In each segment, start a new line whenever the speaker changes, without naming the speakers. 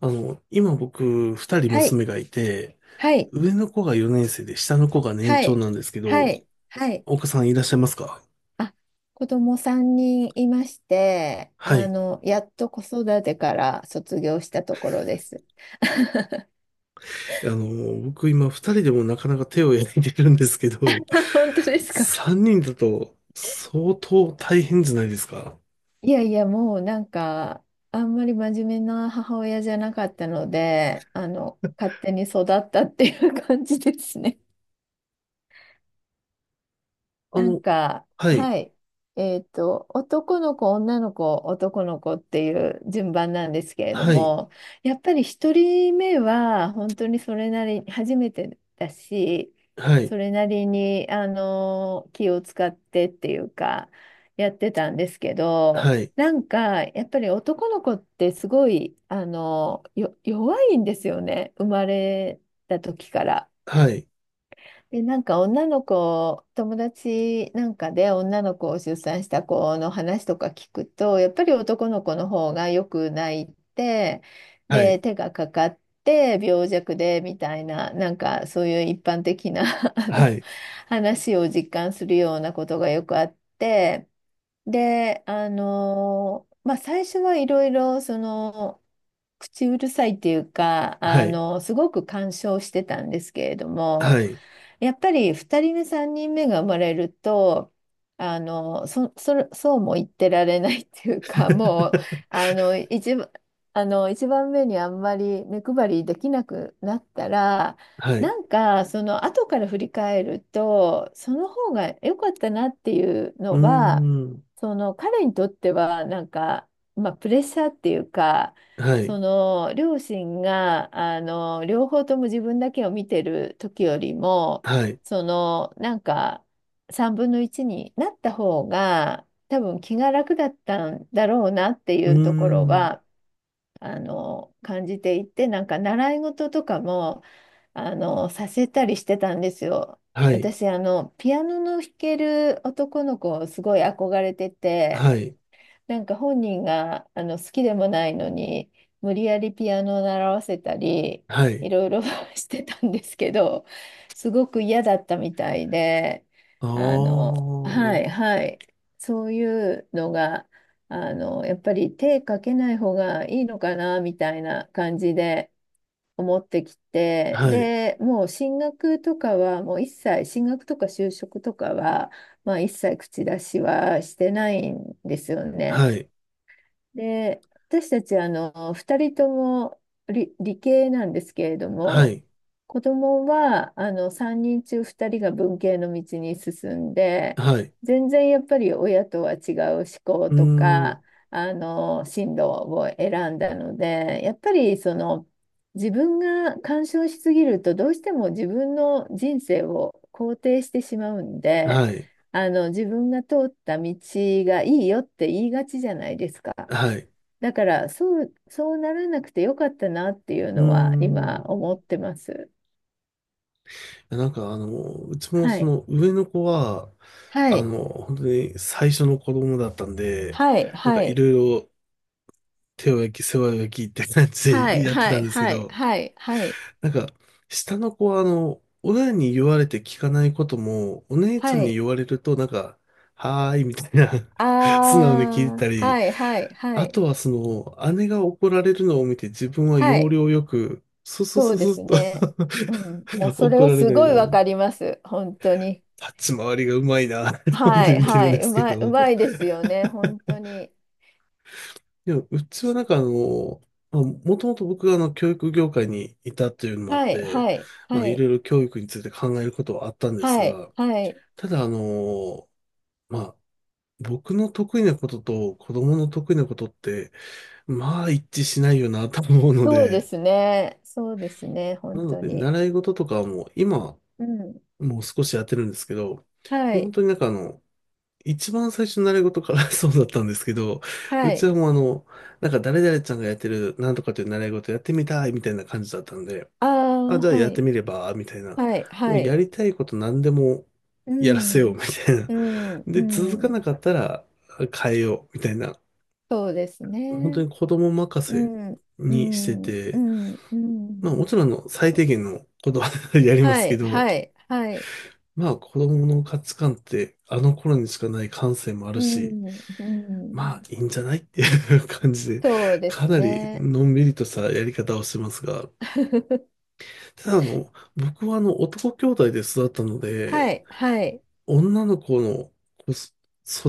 今僕、二人
はい、
娘がいて、
はい、
上の子が4年生で、下の子が年
は
長
い、
なんですけ
は
ど、
い、はい。
岡さんいらっしゃいますか？
あ、子供3人いまして、
はい。
やっと子育てから卒業したところです。
僕今二人でもなかなか手を焼いてるんですけど、
本当ですか？
三人だと相当大変じゃないですか？
いやいや、もうあんまり真面目な母親じゃなかったので、勝手に育ったっていう感じですね。
あの、はい、
はい。男の子、女の子、男の子っていう順番なんですけれど
はい、
も、やっぱり一人目は本当にそれなり、初めてだし、
はい、
それなりに、気を使ってっていうか、やってたんですけど、
はい、
やっぱり男の子ってすごい、弱いんですよね、生まれた時から。
はい、
で、女の子、友達なんかで女の子を出産した子の話とか聞くと、やっぱり男の子の方がよく泣いて、
は
で、
い、
手がかかって病弱でみたいな、そういう一般的な あ
は
の
い、
話を実感するようなことがよくあって、で、まあ最初はいろいろ口うるさいっていうか、
はい、
すごく干渉してたんですけれど
は
も、
い、
やっぱり2人目、3人目が生まれると、そうも言ってられないっていうか、もう、あの、一番、一番目にあんまり目配りできなくなったら、
はい、
後から振り返ると、その方が良かったなっていう
うー
のは、
ん、
その、彼にとっては、まあ、プレッシャーっていうか、
はい、
その両親が両方とも自分だけを見てる時よりも、
はい、
そのなんか3分の1になった方が多分気が楽だったんだろうなってい
うー
うところ
ん、
は感じていて、習い事とかもさせたりしてたんですよ。
はい、
私ピアノの弾ける男の子をすごい憧れてて。
はい、
本人が好きでもないのに無理やりピアノを習わせたり、
は
い
い。
ろいろ してたんですけど、すごく嫌だったみたいで、
あ
あのはい
あ、
はい、そういうのが、やっぱり手かけない方がいいのかなみたいな感じで思ってきて、
はい、
で、もう進学とか就職とかは、まあ、一切口出しはしてないんですよね。
はい、
で、私たち、二人とも理系なんですけれど
は
も、
い、
子供は、三人中二人が文系の道に進んで、
はい、
全然やっぱり親とは違う思考
うー
と
ん、
か、進路を選んだので、やっぱり、その、自分が干渉しすぎると、どうしても自分の人生を肯定してしまうんで、
はい、
自分が通った道がいいよって言いがちじゃないですか。
はい、
だから、そうならなくてよかったなっていう
うー
のは今
ん。い
思ってます。
やなんかうちも
は
そ
い。
の上の子は、
はい、
本当に最初の子供だったんで、
はい、
なんか
は
い
い、
ろいろ手を焼き、世話を焼きって感じ
は
で
い、
やって
は
たん
い、
ですけ
はい、
ど、
はい、はい、
なんか下の子は親に言われて聞かないことも、お姉ち
は
ゃんに
い、
言われるとなんか、はーいみたいな、
あ
素直に聞い
あ、
たり
はい、はい、は
あ
い、
とはその、姉が怒られるのを見て自分は
は
要
い、
領よく、スス
そう
ス
で
ス
す
ッと
ね。うん、もう それ
怒
は
られ
す
ない
ごい
よう
わ
に。
かります、本当に。
立ち回りがうまいなって思っ
は
て
い、
見て
は
るんで
い、う
すけ
まい、う
ど。
まいですよね、本当に。
でも、うちはなんかまあ、もともと僕が教育業界にいたっていうのもあっ
はい、
て、
はい、
まあ、
は
い
い、
ろいろ教育について考えることはあったんです
はい、
が、
はい、
ただまあ、僕の得意なことと子供の得意なことって、まあ一致しないよなと思うの
そうで
で、
すね、そうですね、本
なの
当
で、
に。
習い事とかはもう今、
うん、
もう少しやってるんですけど、も
は
う本
い。
当になんか一番最初の習い事から そうだったんですけど、
は
うち
い。
はもうなんか誰々ちゃんがやってるなんとかという習い事やってみたいみたいな感じだったんで、
あ
あ、
あ、
じゃあ
は
やって
い。
みれば、みたいな。
はい。
もう
は
や
い。
りたいこと何でも
う
やらせよう、
ん。
みたいな。
う ん。
で、
う
続か
ん。
なかったら変えよう、みたいな。
そうです
本当
ね。
に子供任
う
せ
ん。う
にして
ん。う
て、
ん。う
まあ
ん。
もちろん最低限のことは やりま
は
すけ
い。
ど、
はい。はい。
まあ子供の価値観ってあの頃にしかない感性もある
う
し、
ん。う
まあ
ん。
いいんじゃないっていう感じで、
そうで
か
す
なり
ね。
のんびりとしたやり方をしてますが、ただ僕は男兄弟で育ったの
は
で、
い。はい。
女の子の子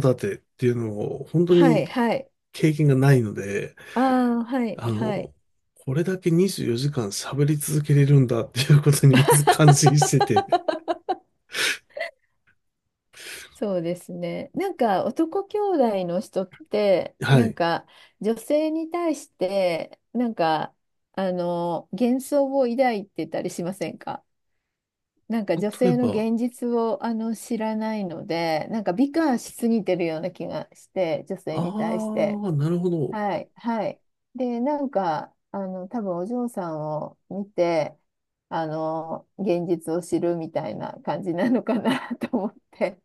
育てっていうのを本当
は
に
い。はい。
経験がないので、
ああ、はい。
あ
はい。
の、これだけ24時間喋り続けれるんだっていうことにまず感心してて、
そうですね。男兄弟の人って
はい。
女性に対して幻想を抱いてたりしませんか？
例
女
え
性の
ば、
現実を知らないので、美化しすぎてるような気がして、女性に対し
あ
て。
あ、なるほど。
はいはい、で、多分お嬢さんを見てあの現実を知るみたいな感じなのかな と思って。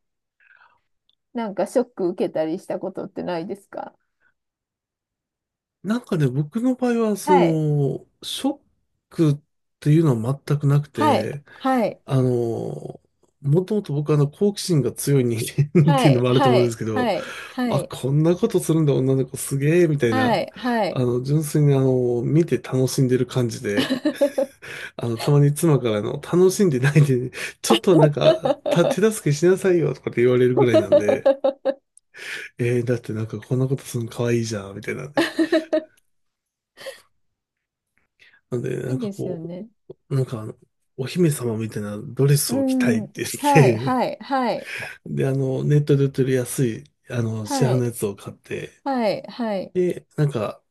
ショック受けたりしたことってないですか？
なんかね、僕の場合は、そ
はい。
の、ショックっていうのは全くなく
はい、
て、
はい、
あの、もともと僕は好奇心が強い人間 って
は
いうの
い、
もあると
は
思うんです
い、
け
は
ど、
い、は
あ、
い、
こんなことするんだ、女の子すげえ、みたい
は
な、
い、はい。
純粋に見て楽しんでる感じで、たまに妻から楽しんでないで、ちょっとなんか、手 助けしなさいよ、とかって言われるぐらいなんで、えー、だってなんかこんなことするの可愛いじゃん、みたいなんで。なんで、なん
いい
か
ですよ
こ
ね。
う、なんかお姫様みたいなドレ
う
スを着たいっ
ん。
て言
はい、
って、
はい、はい、
で、ネットで売ってる安い、市
は
販のや
い、
つを買って、
はい、はい、
で、なんか、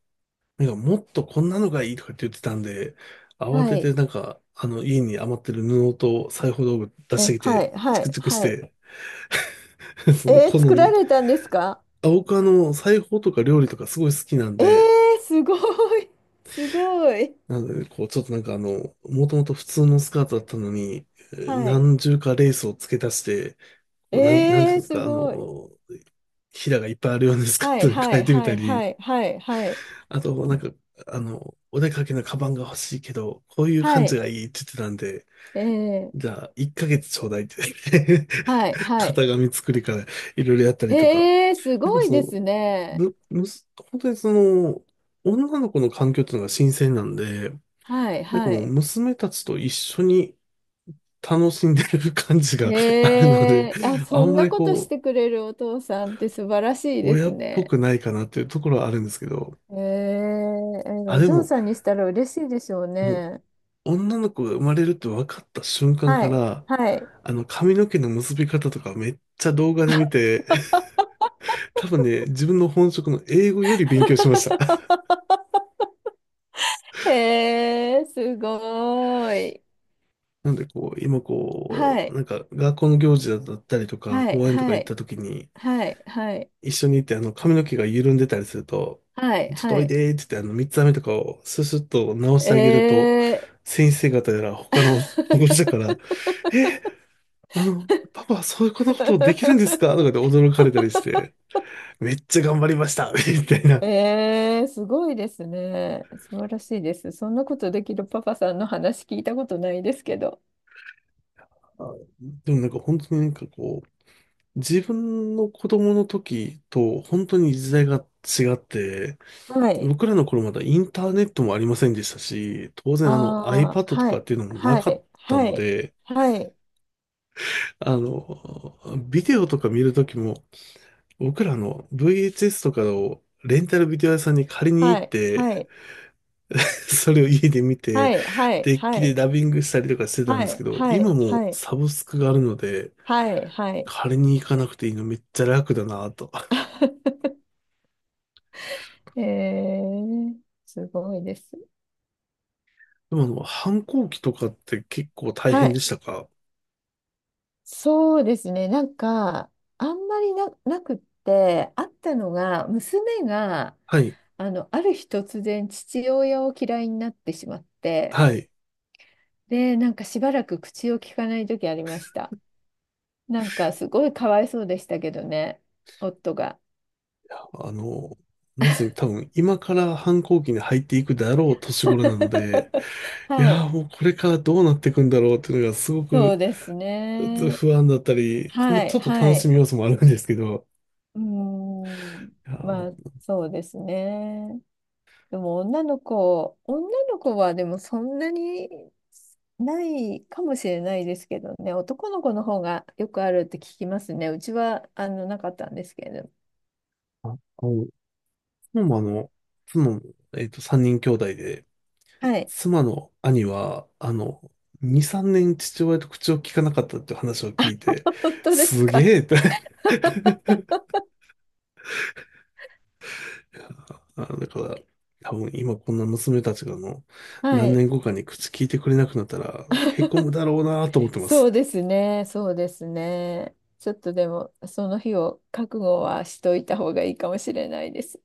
なんかもっとこんなのがいいとかって言ってたんで、慌
は
てて
い、
なんか、家に余ってる布と裁縫道具出して
え、
き
は
て、
い、
チ
は
ク
い、
チクし
はい。
て、その
えー、
好
作
み
ら
に。
れたんですか？
あ、僕裁縫とか料理とかすごい好きなん
え
で、
ー、すごい、すごい。
なのでね、こう、ちょっとなんかもともと普通のスカートだったのに、
はい。
何重かレースを付け足して、こう、なんていう
え
ん
ー、
です
す
か、
ごい。
ひらがいっぱいあるようなスカー
はい、
トに
は
変え
い、
てみ
は
た
い、は
り、
い、はい、はい。
あと、なんか、お出かけのカバンが欲しいけど、こういう
は
感じ
い。
がいいって言ってたんで、
え
じ
え、
ゃあ、1ヶ月ちょうだいって
はい、は
型
い。
紙作りからいろいろやったりとか。
ええ、す
なんか
ごい
そ
で
の、
すね。
む、むす、本当にその、女の子の環境っていうのが新鮮なんで、
はい、
なんか
は
もう
い。
娘たちと一緒に楽しんでる感じがあるので、
ええ、あ、
あ
そ
ん
ん
ま
な
り
ことし
こ
てくれるお父さんって素晴らしいで
親
す
っぽ
ね。
くないかなっていうところはあるんですけど、
ええ、ええ、
あ、
お
で
嬢
も、
さんにしたら嬉しいでしょう
もう、
ね。
女の子が生まれるって分かった瞬間
は
か
い、
ら、
はい。
髪の毛の結び方とかめっちゃ動画で見て、多分ね、自分の本職の英語より勉強しました。
ええ、すごい。
なんで、こう、今
は
こう、
い、
なんか、学校の行事だったりとか、
はい、
公園とか
は
行った
い、
時に、
はい、はい、
一緒に行って、髪の毛が緩んでたりすると、
はい、
ちょっと
は
おい
い。
でーって言って、三つ編みとかをススッと直し
え
てあげると、
え、
先生方やら他の保護者から、えーパパ、そういうことできるんですかとかで 驚かれたりして、めっちゃ頑張りました みたいな。
えー、すごいですね。素晴らしいです。そんなことできるパパさんの話聞いたことないですけど。
あ、でもなんか本当になんかこう、自分の子供の時と本当に時代が違って、
はい。
僕らの頃まだインターネットもありませんでしたし、当然
ああ、
iPad と
は
かっ
い。
ていうのもな
は
かっ
い。
た
は
の
い。
で、
はい。
あの、ビデオとか見る時も、僕らVHS とかをレンタルビデオ屋さんに借りに行
は
っ
い。
て、
はい。
それを家で見
は
て、
い。は
デッキで
い。
ダビングしたりとかしてたん
は
ですけ
い。
ど、
は
今
い。
もう
はい。
サブスクがあるので、
はい。はい。はい。
借りに行かなくていいのめっちゃ楽だなと。
えー、すごいです。
でも反抗期とかって結構大
は
変で
い。
したか？
そうですね。あんまりなくって、あったのが、娘が、
はい、
ある日突然父親を嫌いになってしまって、
はい。
で、しばらく口を聞かない時ありました。すごいかわいそうでしたけどね、夫が。
あの、まさに多分今から反抗期に入っていくだろう年頃なので、い
は
や
い、
ーもうこれからどうなっていくんだろうっていうのがすご
そ
く
うですね。
不安だったり、まあ
はい、
ちょっと
は
楽し
い。
み要素もあるんですけど、
うーん、
いや
まあ、
ー。
そうですね。でも女の子はでもそんなにないかもしれないですけどね、男の子の方がよくあるって聞きますね。うちはなかったんですけれど。
妻もあの、妻も三人兄弟で、
はい。
妻の兄は、2、3年父親と口を聞かなかったっていう話を聞いて、
本当です
す
か？
げえって。あ、だから、多分今こんな娘たちが
は
何
い。
年後かに口聞いてくれなくなったら、へこむ だろうなと思ってま
そ
す。
うですね、そうですね。ちょっとでも、その日を覚悟はしといた方がいいかもしれないです。